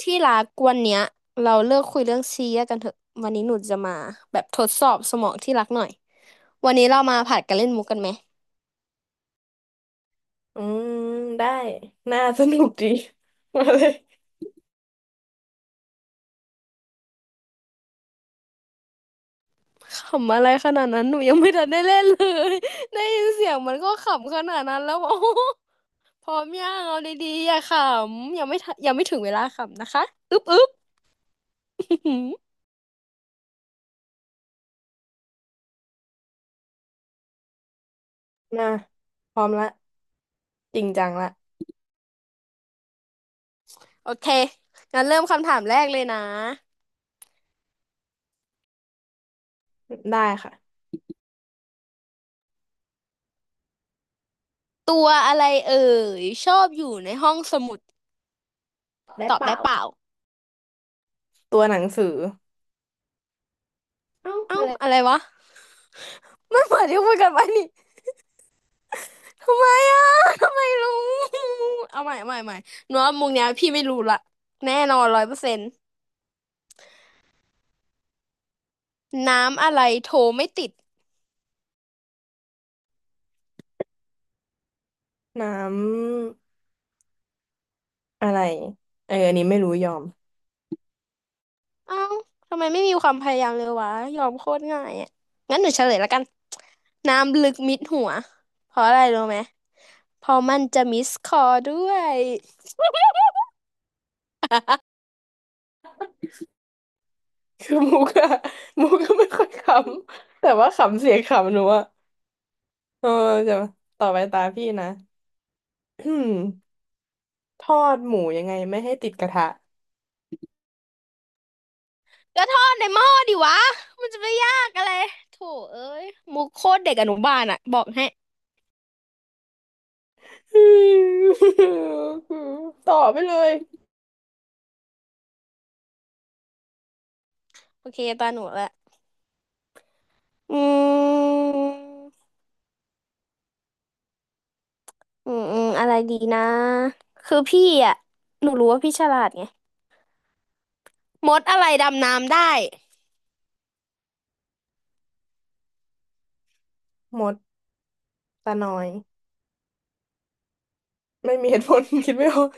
ที่รักวันเนี้ยเราเลิกคุยเรื่องซีเรียสกันเถอะวันนี้หนูจะมาแบบทดสอบสมองที่รักหน่อยวันนี้เรามาผัดกันเล่นมุกกันไหมอืมได้น่าสนุกดี มาเลยขำอะไรขนาดนั้นหนูยังไม่ทันได้เล่นเลย ได้ยินเสียงมันก็ขำขนาดนั้นแล้ว โอ้โหพร้อมยังเอาดีๆอย่าขำยังไม่ทันยังไม่ถึงเวลาขำนะคะอึ๊บอึ๊บ น่าพร้อมละจริงจังละโอเคงั้นเริ่มคำถามแรกเลยนะได้ค่ะตัวอะไรเอ่ยชอบอยู่ในห้องสมุดได้ตอบปะได้เปล่า ตัวหนังสือเอ้าเอ้าอะอะไรวะมันเหมือนที่คุยกันไว้นี่ทำไมอ่ะทำไมรู้เอาใหม่เอาใหม่เอาใหม่หนูว่ามุกเนี้ยพี่ไม่รู้ละแน่นอนร้อยเปอร์เซ็นต์น้ำอะไรโทรไม่ติด น้ำอะไรเอออันนี้ไม่รู้ยอม เอ้าทำไมไม่มีความพยายามเลยวะยอมโคตรง่ายอ่ะงั้นหนูเฉลยละกันน้ำลึกมิดหัวเพราะอะไรรู้ไหมเพราะมันจะมิสคอลด้วยคือมุกอะ มุกก็ไม่ค่อยขำแต่ว่าขำเสียงขำหนูอะเออจะต่อไปตาพี่นะอืมทอดหมูยังไงไม่ให้ติดกระทะ ก็ทอดในหม้อดิวะมันจะไปยากอะไรโถเอ้ยมุกโคตรเด็กอนุบาลอ่ะบอกให้ อืมต่อไปเลยโอเคตาหนูละ อืมอืมอืมอะไรดีนะคือพี่อ่ะหนูรู้ว่าพี่ฉลาดไงมดอะไรดำน้ำได้มดตาน้อยไม่มีเหตุผล คิดไม่ออก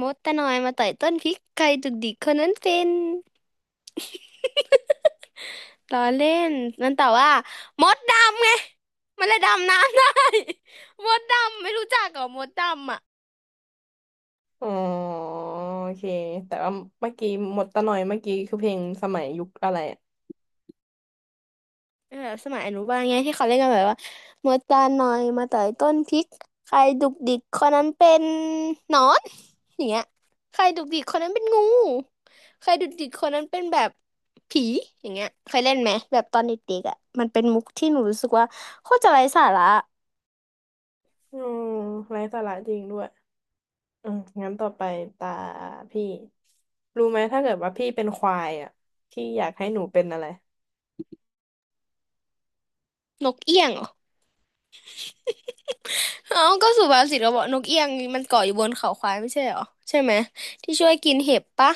มดตะนอยมาต่อยต้นพริกใครดุกดิกคนนั้นเป็น ล้อเล่นมันแต่ว่ามดดำไงมันเลยดำน้ำได้ มดดำไม่รู้จักเหรอมดดำอ่ะ อ๋อโอเคแต่ว่าเมื่อกี้หมดตาน่อยเมื่อกี้คือเพลงสมัยยุคอะไรอะเออสมัยอนุบาลไงที่เขาเล่นกันแบบว่ามาตาหน่อยมาต่อยต้นพริกใครดุกดิกคนนั้นเป็นหนอนอย่างเงี้ยใครดุกดิกคนนั้นเป็นงูใครดุกดิกคนนั้นเป็นแบบผีอย่างเงี้ยเคยเล่นไหมแบบตอนเด็กๆอ่ะมันเป็นมุกที่หนูรู้สึกว่าโคตรจะไร้สาระอืมไร้สาระจริงด้วย อืมงั้นต่อไปตาพี่รู้ไหมถ้าเกิดว่าพี่เป็นควายอ่ะพี่อยากให้หนูเป็นอะไรนกเอี้ยงเหรอเอ้าก็สุภาษิตเราบอกนกเอี้ยงมันเกาะอยู่บนเขาควายไม่ใช่เหรอใช่ไหมที่ช่วยกินเห็บปะ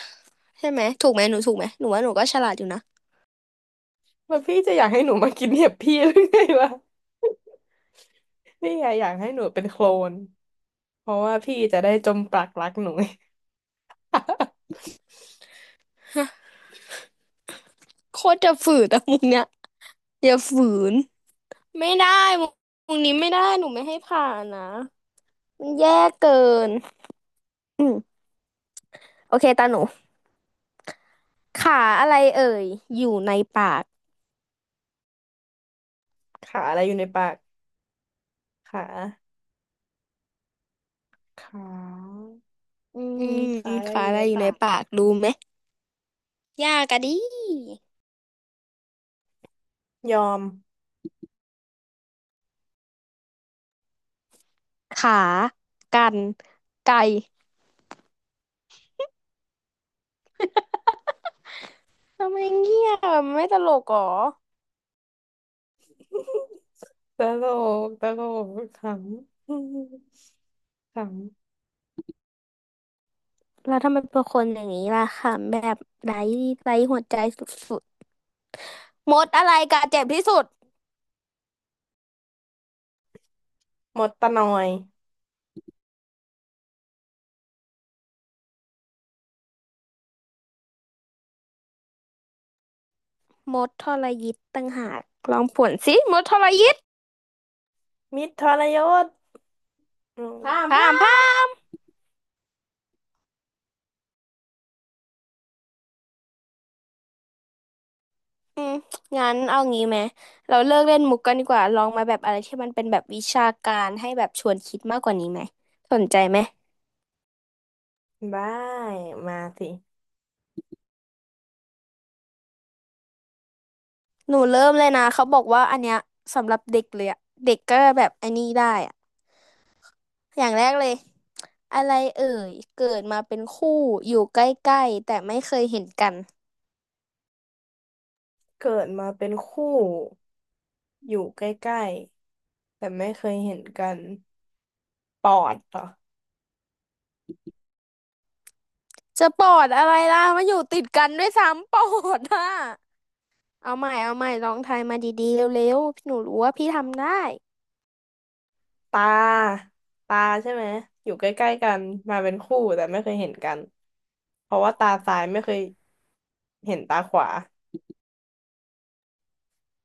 ใช่ไหมถูกไหมหนูถูกไหมหนูว่าหนูก็ฉลาดอยู่นะ ว่าพี่จะอยากให้หนูมากินเห็บพี่หรือไงวะพี่อะอยากให้หนูเป็นโคลนเพราะว่าพี่จะได้จมปลักรักหนูไง โคตรจะฝืดอะมุกเนี้ย อย่าฝืน ไม่ได้วงวงนี้ไม่ได้หนูไม่ให้ผ่านนะมันแย่เกินอืมโอเคตาหนูขาอะไรเอ่ยอยู่ในปากขาอะไรอยู่ในปากขาขาอือืมมขาอะไรขาอยู่อะในไรอยู่ปาในกปากรู้ไหม ยากอะดิยอมขา กันไก่ ทำไมเงียบอะไม่ตลกหรอตลกตลกขำ ขำแล้วทำไมเป็นคนอย่างนี้ล่ะค่ะแบบไร้ไร้หัวใจสุดๆมดอะไรกัดเจ็บที่สุดหมดตะหน่อยมดทรยิตต่างหากลองผวนสิมดทรยิตมิตรทรยศอืมพามพ่ามพาพาม อืมงั้นเอางี้ไหมเราเลิกเล่นมุกกันดีกว่าลองมาแบบอะไรที่มันเป็นแบบวิชาการให้แบบชวนคิดมากกว่านี้ไหมสนใจไหมมได้มาสิ หนูเริ่มเลยนะเขาบอกว่าอันเนี้ยสำหรับเด็กเลยอะเด็กก็แบบอันนี้ได้อะอย่างแรกเลยอะไรเอ่ยเกิดมาเป็นคู่อยู่ใกล้ๆแต่ไม่เคยเห็นกันเกิดมาเป็นคู่อยู่ใกล้ๆแต่ไม่เคยเห็นกันปอดเหรอจะปอดอะไรล่ะมาอยู่ติดกันด้วยซ้ำปอดอะเอาใหม่เอาใหม่ลองทายมาดีๆเร็วๆหนูรู้ว่าพี่ทำได้ตาตาใช่ไหมอยู่ใกล้ๆกันมาเป็นคู่แต่ไม่เคยเห็นกันเพราะว่าตาซ้ายไม่เคยเห็นตาขวา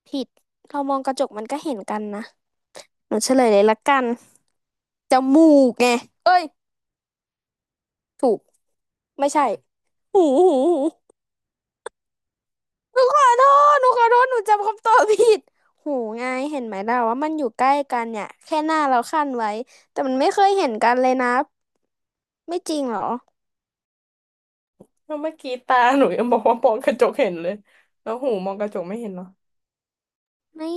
ผิดเรามองกระจกมันก็เห็นกันนะ หนูเฉลยเลยละกันจมูกไงเอ้ยถูกไม่ใช่หูหูหูหนูขอโทษหนูขอโทษหนูจำคำตอบผิดหูไงเห็นไหมเราว่ามันอยู่ใกล้กันเนี่ยแค่หน้าเราคั่นไว้แต่มันไม่เคยเห็นกันเลยนะไม่จริงเหรอแล้วเมื่อกี้ตาหนูยังบอกว่ามองกระจกเห็นเลยแล้วหูมองกระจกไม่เห็นเหรไม่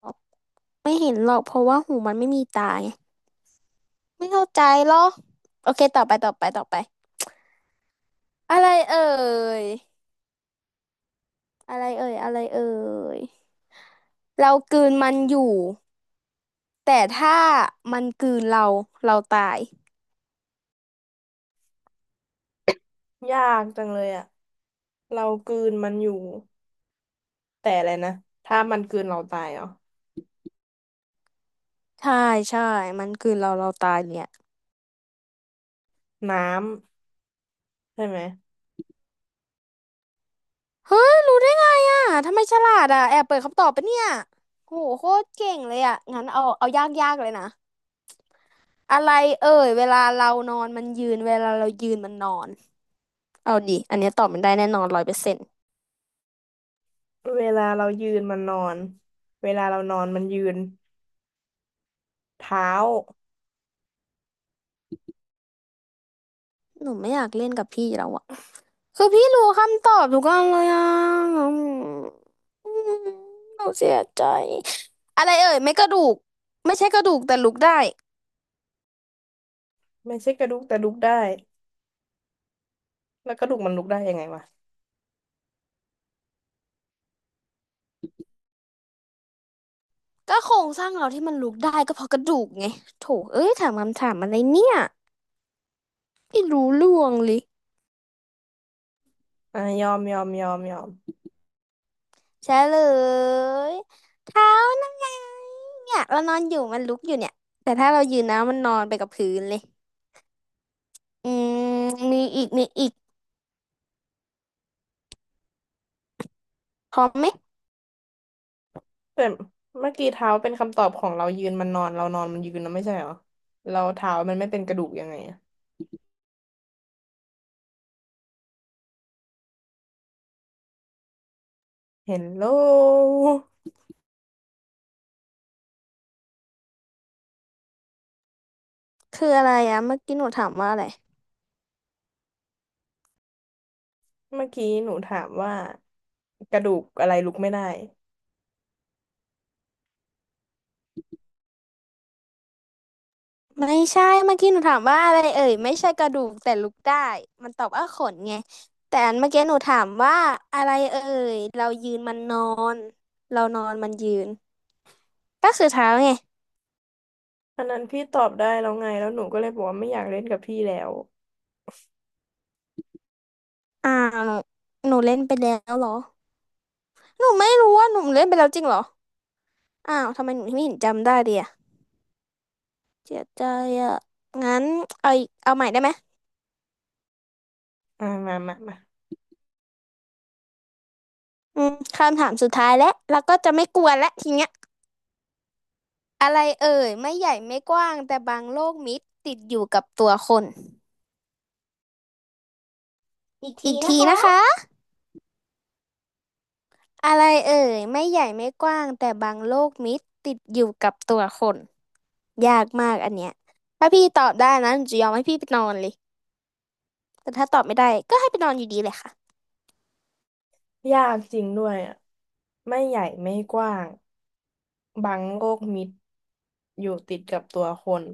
หรอกไม่เห็นหรอกเพราะว่าหูมันไม่มีตาไงไม่เข้าใจหรอโอเคต่อไปต่อไปต่อไปอะไรเอ่ยอะไรเอ่ยอะไรเอ่ยเรากลืนมันอยู่ แต่ถ้ามันกลืนเรา เราตาย อยากจังเลยอะเรากลืนมันอยู่แต่อะไรนะถ้ามันกลืนเราตายเหรอใช่ใช่มันกลืนเราเราตายเนี่ย น้ำใช่ไหมเฮ้ยรู้ได้ไงอ่ะทำไมฉลาดอ่ะแอบเปิดคำตอบปะเนี่ยโหโคตรเก่งเลยอ่ะงั้นเอาเอายากยากเลยนะ อะไรเอ่ยเวลาเรานอนมันยืนเวลาเรายืนมันนอน เอาดิอันเนี้ยตอบมันได้แน่นอนร้อยเปอร์เซ็นต์เวลาเรายืนมันนอนเวลาเรานอนมันยืน เท้าหนูไม่อยากเล่นกับพี่แล้วอ่ะคือพี่รู้คำตอบทุกอันเลยอ่ะอืมอืมหนูเสียใจ อะไรเอ่ยไม่กระดูกไม่ใช่กระดูกแต่ลุกได้ ไม่ใช่กระดูกแต่ลุกได้แล้วกระดูกมันลุกได้ยังไงวะก็โครงสร้างเราที่มันลุกได้ก็เพราะกระดูกไงโถเอ้ยถามคำถามอะไรเนี่ยไม่รู้ล่วงเลยอ่ะยอมยอมยอมยอมใช่เลยเท้านั่นไงเนี่ยเรานอนอยู่มันลุกอยู่เนี่ยแต่ถ้าเรายืนนะมันนอนไปกับพื้นเลยอืมมีอีกมีอีกพร้อมไหมแต่เมื่อกี้เท้าเป็นคำตอบของเรายืนมันนอนเรานอนมันยืนนะไม่ใช่เหรอเราเท้ามันไม่เป็นกระดูกยังไงอะเห็นโลคืออะไรอะเมื่อกี้หนูถามว่าอะไรเมื่อกี้หนูถามว่ากระดูกอะไรลุกไม่ได้ไม่ใช่เมื่อกี้หนูถามว่าอะไรเอ่ยไม่ใช่กระดูกแต่ลุกได้มันตอบว่าขนไงแต่อันเมื่อกี้หนูถามว่าอะไรเอ่ยเรายืนมันนอนเรานอนมันยืน ก็คือเท้าไงอันนั้นพี่ตอบได้แล้วไงแล้วหนูก็เลยบอกว่าไม่อยากเล่นกับพี่แล้วอ้าวหนูเล่นไปแล้วเหรอหนูไม่รู้ว่าหนูเล่นไปแล้วจริงเหรออ้าวทำไมหนูไม่เห็นจำได้เลยอะเสียใจอะงั้นเอาอีกเอาใหม่ได้ไหมอ่ามามามาอืมคำถามสุดท้ายแล้วแล้วก็จะไม่กวนแลวทีเนี้ยอะไรเอ่ยไม่ใหญ่ไม่กว้างแต่บางโลกมิตรติดอยู่กับตัวคนอีกทีอีกนะทีคะนะคะอะไรเอ่ยไม่ใหญ่ไม่กว้างแต่บางโลกมิตรติดอยู่กับตัวคนยากมากอันเนี้ยถ้าพี่ตอบได้นะหนูจะยอมให้พี่ไปนอนเลย แต่ถ้าตอบไม่ได้ก็ให้ไปนอนอยู่ดีเลยค่ะยากจริงด้วยอ่ะไม่ใหญ่ไม่กว้าง บางโลกมิดอยู่ติดกับตัวคน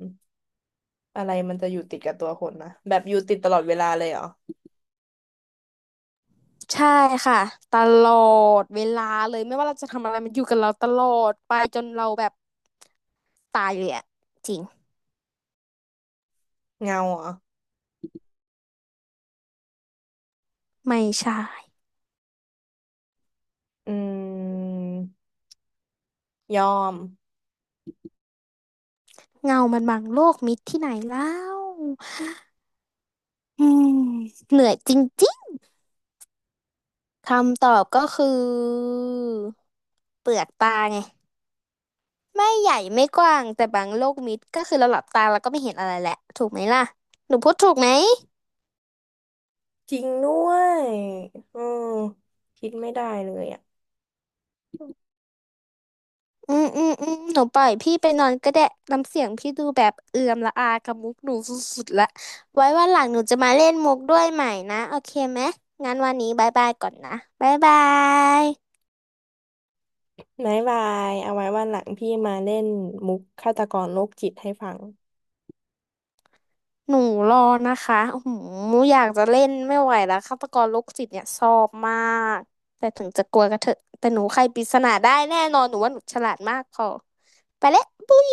อะไรมันจะอยู่ติดกับตัวคนนะแบบอยู่ติดตลอดเวลาเลยเหรอใช่ค่ะตลอดเวลาเลยไม่ว่าเราจะทำอะไรมันอยู่กับเราตลอดไปจนเราแบบตายเลยอะจริงเงาเหรอไม่ใช่อืมยอมเงามันบังโลกมิดที่ไหนแล้วอืมเหนื่อยจริงๆคำตอบก็คือเปลือกตาไงไม่ใหญ่ไม่กว้างแต่บางโลกมิดก็คือเราหลับตาเราก็ไม่เห็นอะไรแหละถูกไหมล่ะหนูพูดถูกไหม จริงด้วยอืมคิดไม่ได้เลยอ่ะอืมอืมอืมหนูปล่อยพี่ไปนอนก็ได้น้ำเสียงพี่ดูแบบเอื่อมละอากับมุกหนูสุดๆละไว้วันหลังหนูจะมาเล่นมุกด้วยใหม่นะโอเคไหมงั้นวันนี้บายบายก่อนนะบายบายบายบายเอาไว้วันหลังพี่มาเล่นมุกฆาตกรโรคจิตให้ฟังหนูรอนะคะโอ้โหอยากจะเล่นไม่ไหวแล้วฆาตกรโรคจิตเนี่ยชอบมากแต่ถึงจะกลัวก็เถอะแต่หนูไขปริศนาได้แน่นอนหนูว่าหนูฉลาดมากพอไปแล้วปุ๊ย